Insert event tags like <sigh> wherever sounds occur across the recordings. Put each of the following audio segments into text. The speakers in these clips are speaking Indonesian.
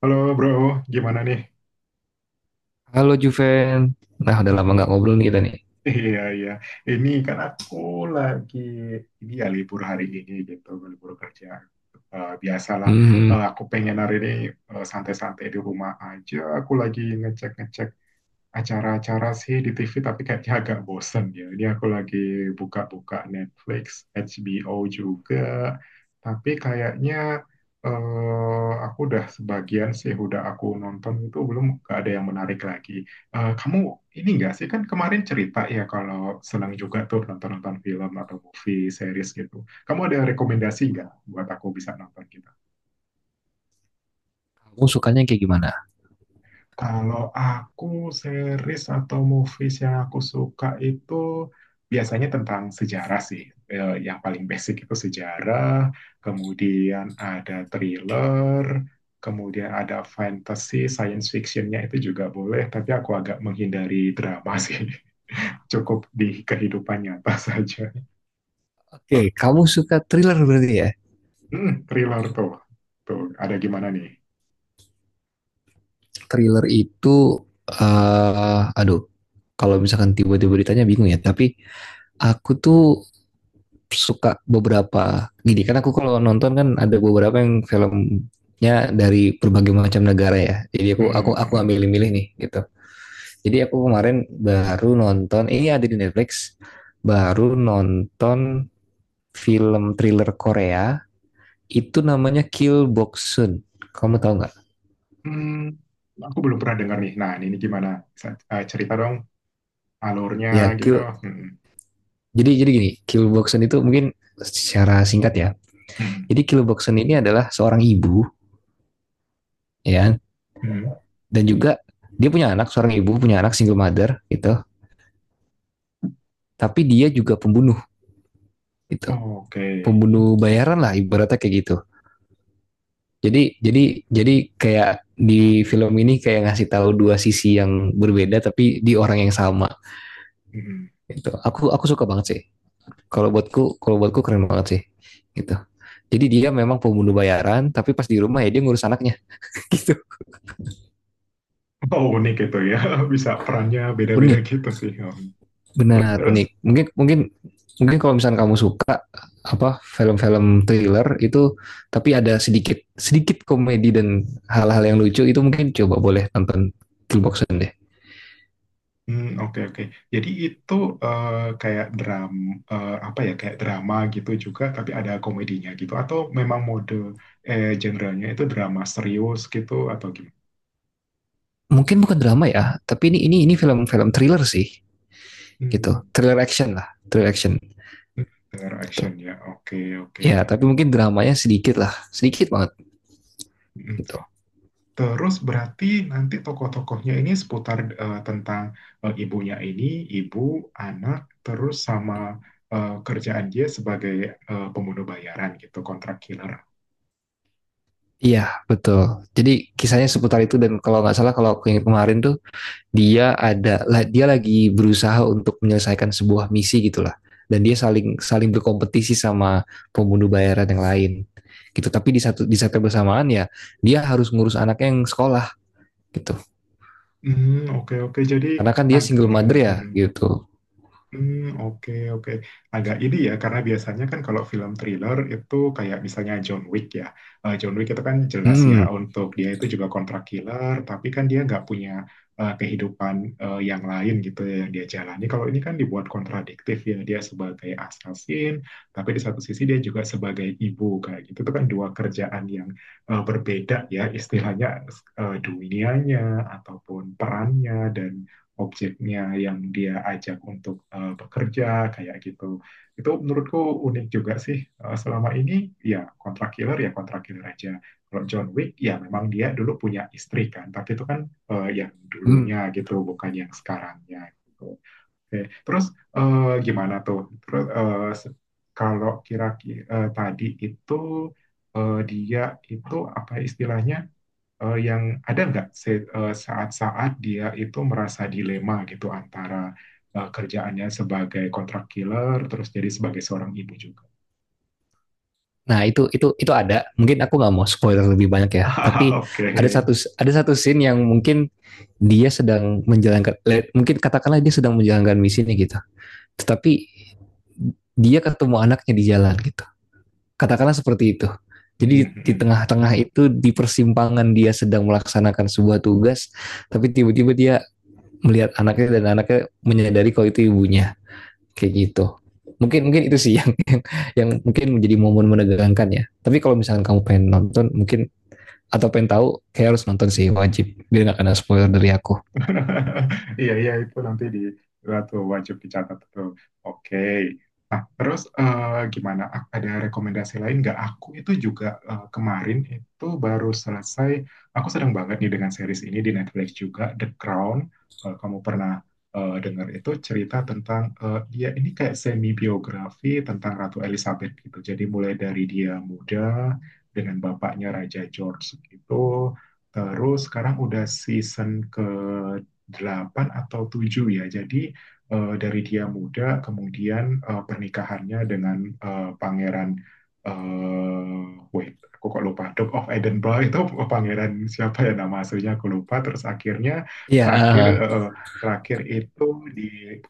Halo bro, gimana nih? Halo Juven. Nah, udah lama Mm-mm. nggak <laughs> ngobrol nih kita nih. Iya iya, ini kan aku lagi ini ya libur hari ini gitu, libur kerja. Biasalah. Hmm, Aku pengen hari ini santai-santai di rumah aja. Aku lagi ngecek-ngecek acara-acara sih di TV, tapi kayaknya agak bosen ya. Ini aku lagi buka-buka Netflix, HBO juga, tapi kayaknya aku udah sebagian sih udah aku nonton itu belum gak ada yang menarik lagi. Kamu ini nggak sih, kan kemarin cerita ya kalau senang juga tuh nonton-nonton film atau movie series gitu. Kamu ada rekomendasi nggak buat aku bisa nonton gitu? kamu sukanya kayak gimana? Kalau aku series atau movies yang aku suka itu biasanya tentang sejarah sih. Yang paling basic itu sejarah, kemudian ada thriller, kemudian ada fantasy, science fictionnya itu juga boleh, tapi aku agak menghindari drama sih. <laughs> Cukup di kehidupan nyata saja. Oke, kamu suka thriller berarti ya? Hmm, thriller tuh. Tuh, ada gimana nih? Thriller itu, eh aduh, kalau misalkan tiba-tiba ditanya bingung ya. Tapi aku tuh suka beberapa. Gini, kan aku kalau nonton kan ada beberapa yang filmnya dari berbagai macam negara ya. Jadi aku aku Hmm, hmm, aku nggak hmm. milih-milih nih gitu. Jadi aku kemarin baru nonton, ini ada di Netflix. Baru nonton film thriller Korea itu namanya Kill Boxun. Kamu tahu nggak? Hmm, aku belum pernah dengar nih. Nah, ini gimana? Cerita dong alurnya Ya gitu. Kill. Mm, Jadi gini, Kill Boxun itu mungkin secara singkat ya. mm, Jadi Kill Boxun ini adalah seorang ibu ya, mm. dan juga dia punya anak, seorang ibu punya anak single mother gitu. Tapi dia juga pembunuh gitu. Oke. Pembunuh bayaran lah ibaratnya kayak gitu. Jadi kayak di film ini kayak ngasih tahu dua sisi yang berbeda tapi di orang yang sama Mm. gitu. Aku suka banget sih. Kalau buatku kalau buatku keren banget sih gitu, jadi dia memang pembunuh bayaran tapi pas di rumah ya dia ngurus anaknya <laughs> gitu. Oh, unik gitu ya. <laughs> Bisa perannya beda-beda Unik, gitu sih. Terus benar terus. unik, mungkin mungkin mungkin kalau misalnya kamu suka apa film-film thriller itu, tapi ada sedikit sedikit komedi dan hal-hal yang lucu, itu mungkin coba boleh nonton Killboxen deh. Hmm, oke oke. Jadi itu eh, kayak apa ya, kayak drama gitu juga tapi ada komedinya gitu, atau memang mode genre itu drama serius gitu atau gimana? Mungkin bukan drama ya, tapi ini film-film thriller sih gitu, Hmm. thriller action lah, thriller action Dengar gitu action ya. Oke oke. ya, tapi mungkin dramanya sedikit lah, sedikit banget Hmm. gitu. Terus berarti nanti tokoh-tokohnya ini seputar tentang ibunya ini, ibu, anak, terus sama kerjaan dia sebagai pembunuh bayaran gitu, kontrak killer. Iya, betul. Jadi kisahnya seputar itu, dan kalau nggak salah kalau aku yang kemarin tuh, dia ada dia lagi berusaha untuk menyelesaikan sebuah misi gitulah. Dan dia saling saling berkompetisi sama pembunuh bayaran yang lain gitu. Tapi di satu di saat yang bersamaan ya, dia harus ngurus anaknya yang sekolah gitu. Hmm, oke oke. Jadi Karena kan dia ag- single mother ya mhm. gitu. Hmm, oke, oke. Agak ini ya, karena biasanya kan kalau film thriller itu kayak misalnya John Wick ya. John Wick itu kan jelas ya, Hmm. untuk dia itu juga kontrak killer, tapi kan dia nggak punya kehidupan yang lain gitu ya yang dia jalani. Kalau ini kan dibuat kontradiktif ya, dia sebagai assassin, tapi di satu sisi dia juga sebagai ibu kayak gitu. Itu kan dua kerjaan yang berbeda ya, istilahnya dunianya ataupun perannya, dan objeknya yang dia ajak untuk bekerja kayak gitu. Itu menurutku unik juga sih. Eh, selama ini ya kontrak killer aja. Kalau John Wick ya memang dia dulu punya istri kan, tapi itu kan yang Hmm. dulunya gitu, bukan yang sekarangnya gitu. Oke, terus gimana tuh? Terus kalau kira-kira tadi itu dia itu apa istilahnya yang ada nggak saat-saat dia itu merasa dilema gitu antara kerjaannya sebagai kontrak killer terus jadi sebagai seorang ibu juga. Nah, itu ada. Mungkin aku nggak mau spoiler lebih banyak ya. <laughs> Tapi Oke. ada satu ada satu scene yang mungkin dia sedang menjalankan, mungkin katakanlah dia sedang menjalankan misinya gitu, tetapi dia ketemu anaknya di jalan gitu, katakanlah seperti itu. Jadi di Mm-mm-mm. tengah-tengah itu di persimpangan dia sedang melaksanakan sebuah tugas, tapi tiba-tiba dia melihat anaknya, dan anaknya menyadari kalau itu ibunya kayak gitu. Mungkin mungkin itu sih <laughs> yang mungkin menjadi momen menegangkan ya, tapi kalau misalkan kamu pengen nonton, mungkin atau pengen tahu kayak harus nonton sih, wajib biar nggak kena spoiler dari aku. Iya, iya, itu nanti di itu wajib dicatat tuh. Oke. Nah, terus gimana? Ada rekomendasi lain nggak? Aku itu juga kemarin itu baru selesai. Aku sedang banget nih dengan series ini di Netflix juga, The Crown. Kalau kamu pernah dengar, itu cerita tentang dia ini kayak semi biografi tentang Ratu Elizabeth gitu. Jadi mulai dari dia muda dengan bapaknya Raja George gitu. Terus sekarang udah season ke 8 atau 7 ya. Jadi dari dia muda kemudian pernikahannya dengan pangeran aku kok lupa. Duke of Edinburgh itu <laughs> pangeran siapa ya, nama aslinya aku lupa. Terus akhirnya Iya, terakhir eh, eh, terakhir itu di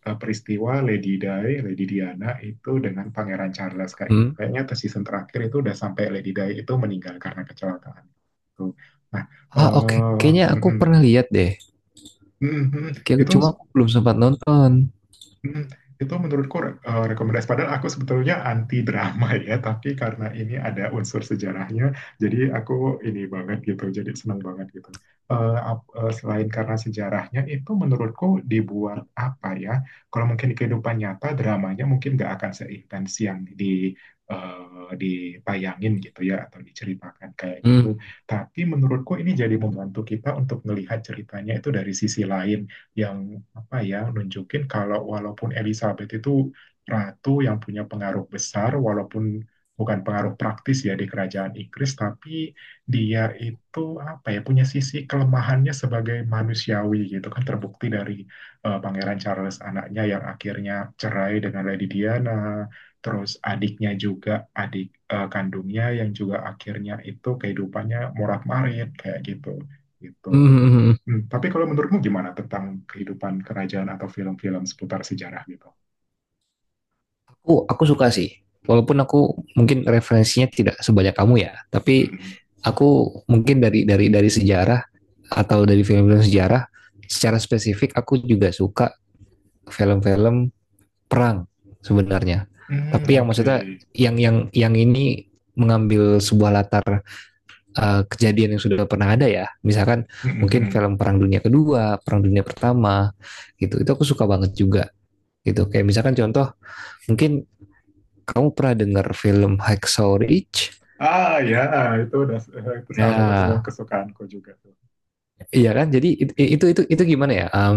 peristiwa Lady Di, Lady Diana itu dengan Pangeran Charles kayak gitu. hmm, Kayaknya ke season terakhir itu udah sampai Lady Di itu meninggal karena kecelakaan. Tuh. Nah, eh ah, oke. Kayaknya aku mm, pernah lihat deh. mm, mm, mm. Kayak itu cuma aku belum sempat nonton. Hmm, itu menurutku rekomendasi. Padahal aku sebetulnya anti drama <laughs> ya, tapi karena ini ada unsur sejarahnya, jadi aku ini banget gitu, jadi senang banget gitu. Selain karena sejarahnya, itu menurutku dibuat apa ya? Kalau mungkin di kehidupan nyata dramanya mungkin nggak akan seintens yang di dipayangin gitu ya, atau diceritakan kayak Hmm. gitu. Tapi menurutku ini jadi membantu kita untuk melihat ceritanya itu dari sisi lain, yang apa ya, nunjukin kalau walaupun Elizabeth itu ratu yang punya pengaruh besar, walaupun bukan pengaruh praktis ya di kerajaan Inggris, tapi dia itu apa ya, punya sisi kelemahannya sebagai manusiawi gitu kan, terbukti dari Pangeran Charles anaknya yang akhirnya cerai dengan Lady Diana, terus adiknya juga, adik kandungnya yang juga akhirnya itu kehidupannya morat-marit kayak gitu gitu. Hmm, hmm, hmm. Hmm, tapi kalau menurutmu gimana tentang kehidupan kerajaan atau film-film seputar sejarah gitu? Aku suka sih. Walaupun aku mungkin referensinya tidak sebanyak kamu ya, tapi Hmm, aku mungkin dari dari sejarah atau dari film-film sejarah, secara spesifik aku juga suka film-film perang sebenarnya. hmm, Tapi yang oke. maksudnya yang ini mengambil sebuah latar kejadian yang sudah pernah ada ya. Misalkan Hmm, hmm, mungkin hmm. film Perang Dunia Kedua, Perang Dunia Pertama gitu. Itu aku suka banget juga gitu. Kayak misalkan contoh, mungkin kamu pernah dengar film Hacksaw Ridge? Ah ya, ah, itu udah itu salah satu film Nah, kesukaanku juga tuh. iya kan? Jadi itu gimana ya?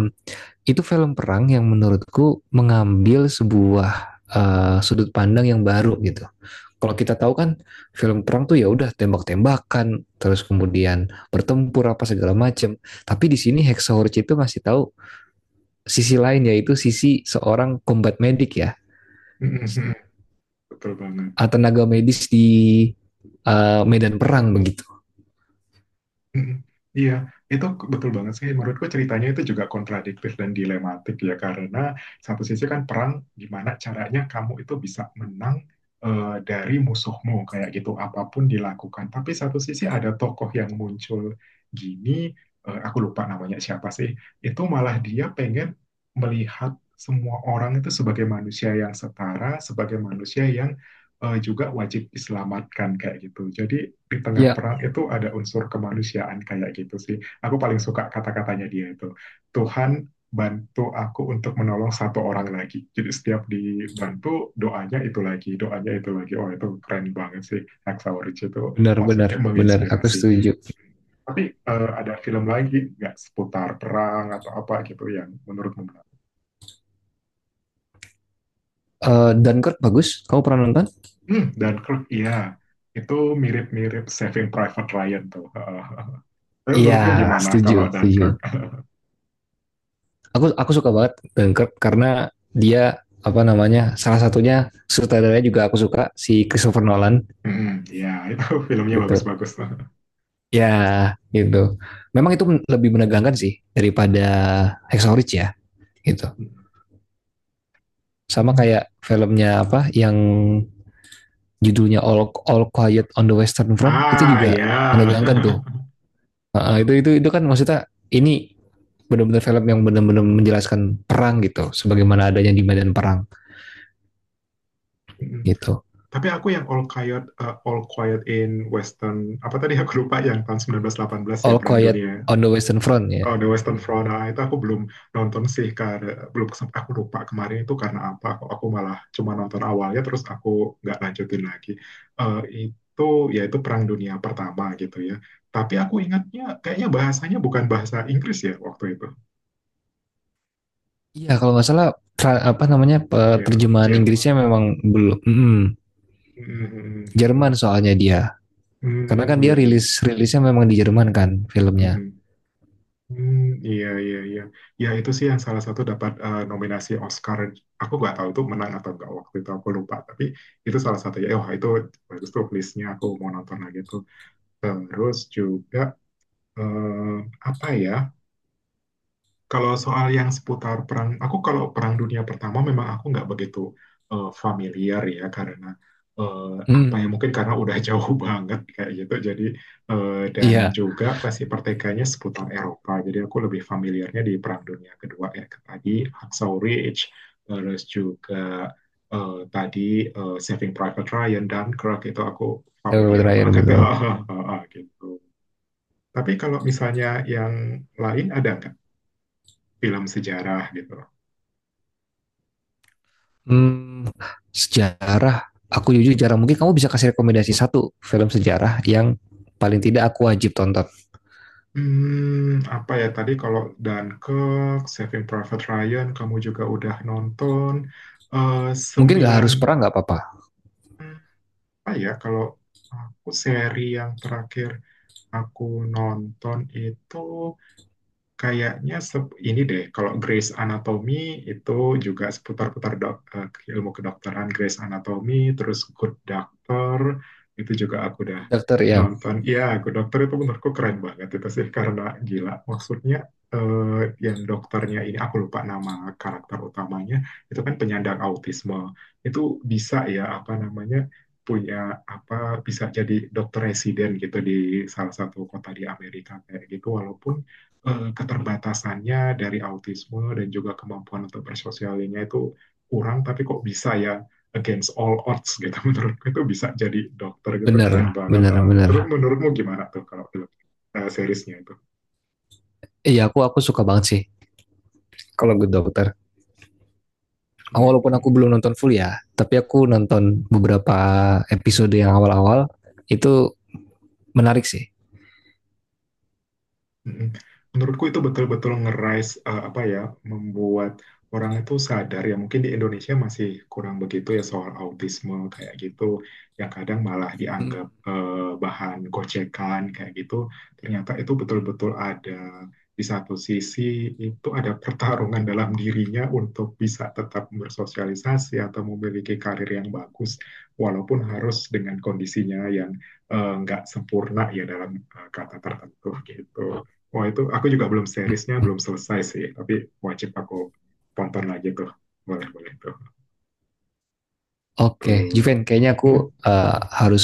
Itu film perang yang menurutku mengambil sebuah sudut pandang yang baru gitu. Kalau kita tahu kan film perang tuh ya udah tembak-tembakan, terus kemudian bertempur apa segala macam. Tapi di sini Hacksaw Ridge itu masih tahu sisi lain, yaitu sisi seorang combat medic ya. Hmm, hmm, hmm. hmm. Betul banget. Ah, tenaga medis di medan perang begitu. Mm. Iya, itu betul banget sih. Menurutku ceritanya itu juga kontradiktif dan dilematik ya, karena satu sisi kan perang, gimana caranya kamu itu bisa menang dari musuhmu kayak gitu, apapun dilakukan. Tapi satu sisi ada tokoh yang muncul gini, aku lupa namanya siapa sih. Itu malah dia pengen melihat semua orang itu sebagai manusia yang setara, sebagai manusia yang juga wajib diselamatkan kayak gitu. Jadi di tengah Ya, perang itu ada unsur kemanusiaan kayak gitu sih. Aku paling suka kata-katanya dia itu. Tuhan bantu aku untuk menolong satu orang lagi. Jadi setiap dibantu, doanya itu lagi, doanya itu lagi. Oh itu keren banget sih. Hacksaw Ridge itu benar benar maksudnya benar aku menginspirasi. setuju. Tapi ada film lagi nggak seputar perang atau apa gitu yang menurutmu menarik? Eh, Dunkirk bagus, kamu pernah nonton? Hmm, dan Kirk, iya. Itu mirip-mirip Saving Private Ryan tuh. <laughs> Tapi Iya, menurutmu gimana setuju kalau setuju. Dunkirk? Aku suka banget Dunkirk karena dia apa namanya, salah satunya sutradaranya juga aku suka, si Christopher Nolan Mhm, ya itu <laughs> filmnya gitu. bagus-bagus tuh. Ya gitu. Memang itu lebih menegangkan sih daripada Hexorich ya gitu. Sama Mhm. kayak filmnya apa yang judulnya All Quiet on the Western Front, itu Ah, juga ya. menegangkan tuh. <laughs> Nah, itu kan maksudnya ini benar-benar film yang benar-benar menjelaskan perang gitu sebagaimana adanya di medan perang Mhm. gitu. Tapi aku yang All Quiet, eh, All Quiet in Western, apa tadi, aku lupa yang tahun 1918 ya, All Perang Quiet Dunia. on the Western Front ya. Oh, The Western Front, ah, itu aku belum nonton sih, karena belum sempat, aku lupa kemarin itu karena apa, aku malah cuma nonton awalnya, terus aku nggak lanjutin lagi. Eh, itu, ya itu Perang Dunia Pertama gitu ya. Tapi aku ingatnya, kayaknya bahasanya bukan bahasa Inggris ya waktu itu. Iya kalau nggak salah apa namanya, Jer- terjemahan Jerman. Inggrisnya memang belum, Mhm, Jerman mhm, soalnya dia. Karena kan mhm. dia Iya, rilis iya. rilisnya memang di Jerman kan filmnya. Mhm. Hmm, iya, iya, iya. Ya, itu sih yang salah satu dapat nominasi Oscar. Aku nggak tahu itu menang atau nggak waktu itu, aku lupa. Tapi itu salah satu. Ya, oh, itu bagus tuh listnya, aku mau nonton lagi tuh. Terus juga, eh, apa ya? Kalau soal yang seputar perang, aku kalau Perang Dunia Pertama memang aku nggak begitu familiar ya, karena eh, apa Hmm, ya, mungkin karena udah jauh <laughs> banget kayak gitu. Jadi dan iya. juga pasti pertikaiannya seputar Eropa. Jadi aku lebih familiarnya di Perang Dunia Kedua ya, ke tadi Hacksaw Ridge, terus juga tadi Saving Private Ryan dan Dunkirk itu aku Yang familiar terakhir betul. banget Betul. <laughs> gitu. Tapi kalau misalnya yang lain ada nggak film sejarah gitu. Hmm, sejarah. Aku jujur jarang. Mungkin kamu bisa kasih rekomendasi satu film sejarah yang paling tidak aku wajib tonton. Hmm, apa ya tadi kalau Dunkirk, Saving Private Ryan, kamu juga udah nonton eh, Mungkin nggak sembilan harus perang nggak apa-apa. hmm, apa ya kalau aku seri yang terakhir aku nonton itu, kayaknya ini deh, kalau Grey's Anatomy itu juga seputar-putar dok, ilmu kedokteran, Grey's Anatomy, terus Good Doctor, itu juga aku udah Good Doctor ya. nonton. Iya, Good Doctor itu menurutku keren banget itu sih, karena gila. Maksudnya eh, yang dokternya ini, aku lupa nama karakter utamanya, itu kan penyandang autisme. Itu bisa ya, apa namanya, punya apa, bisa jadi dokter residen gitu di salah satu kota di Amerika kayak gitu, walaupun keterbatasannya dari autisme dan juga kemampuan untuk bersosialnya itu kurang, tapi kok bisa ya, against all odds gitu. <laughs> Menurutku itu bisa jadi dokter gitu Bener, keren banget. bener, Ah. Terus bener. menurutmu gimana tuh kalau itu, seriesnya itu? Iya, aku suka banget sih kalau Good Doctor. Hmm. Ah, walaupun hmm, hmm. aku belum nonton full ya, tapi aku nonton beberapa episode yang awal-awal itu menarik sih. Mm-mm. Menurutku itu betul-betul ngerais apa ya, membuat orang itu sadar ya, mungkin di Indonesia masih kurang begitu ya soal autisme kayak gitu, yang kadang malah Hmm. dianggap bahan gocekan kayak gitu, ternyata itu betul-betul ada. Di satu sisi itu ada pertarungan <laughs> dalam dirinya untuk bisa tetap bersosialisasi atau memiliki karir yang bagus, walaupun harus dengan kondisinya yang nggak sempurna ya dalam kata tertentu gitu. Wah itu aku juga belum, seriesnya belum selesai sih, tapi wajib aku tonton lagi tuh. Boleh boleh tuh. Oke, Juven, Tuh. kayaknya aku Hmm. Harus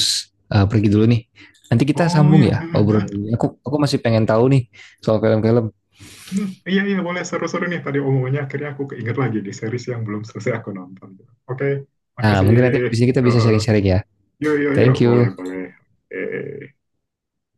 pergi dulu nih. Nanti kita Oh sambung ya, ya hmm, hmm, hmm. obrolan ini. Aku masih pengen tahu nih soal film-film. Hmm. Iya iya, boleh, seru-seru nih tadi omongannya, akhirnya aku keinget lagi di series yang belum selesai aku nonton. Oke, Nah, makasih. mungkin nanti Eh, habis ini kita bisa eh. sharing-sharing ya. Yuk yuk yuk, Thank boleh you. boleh. Oke.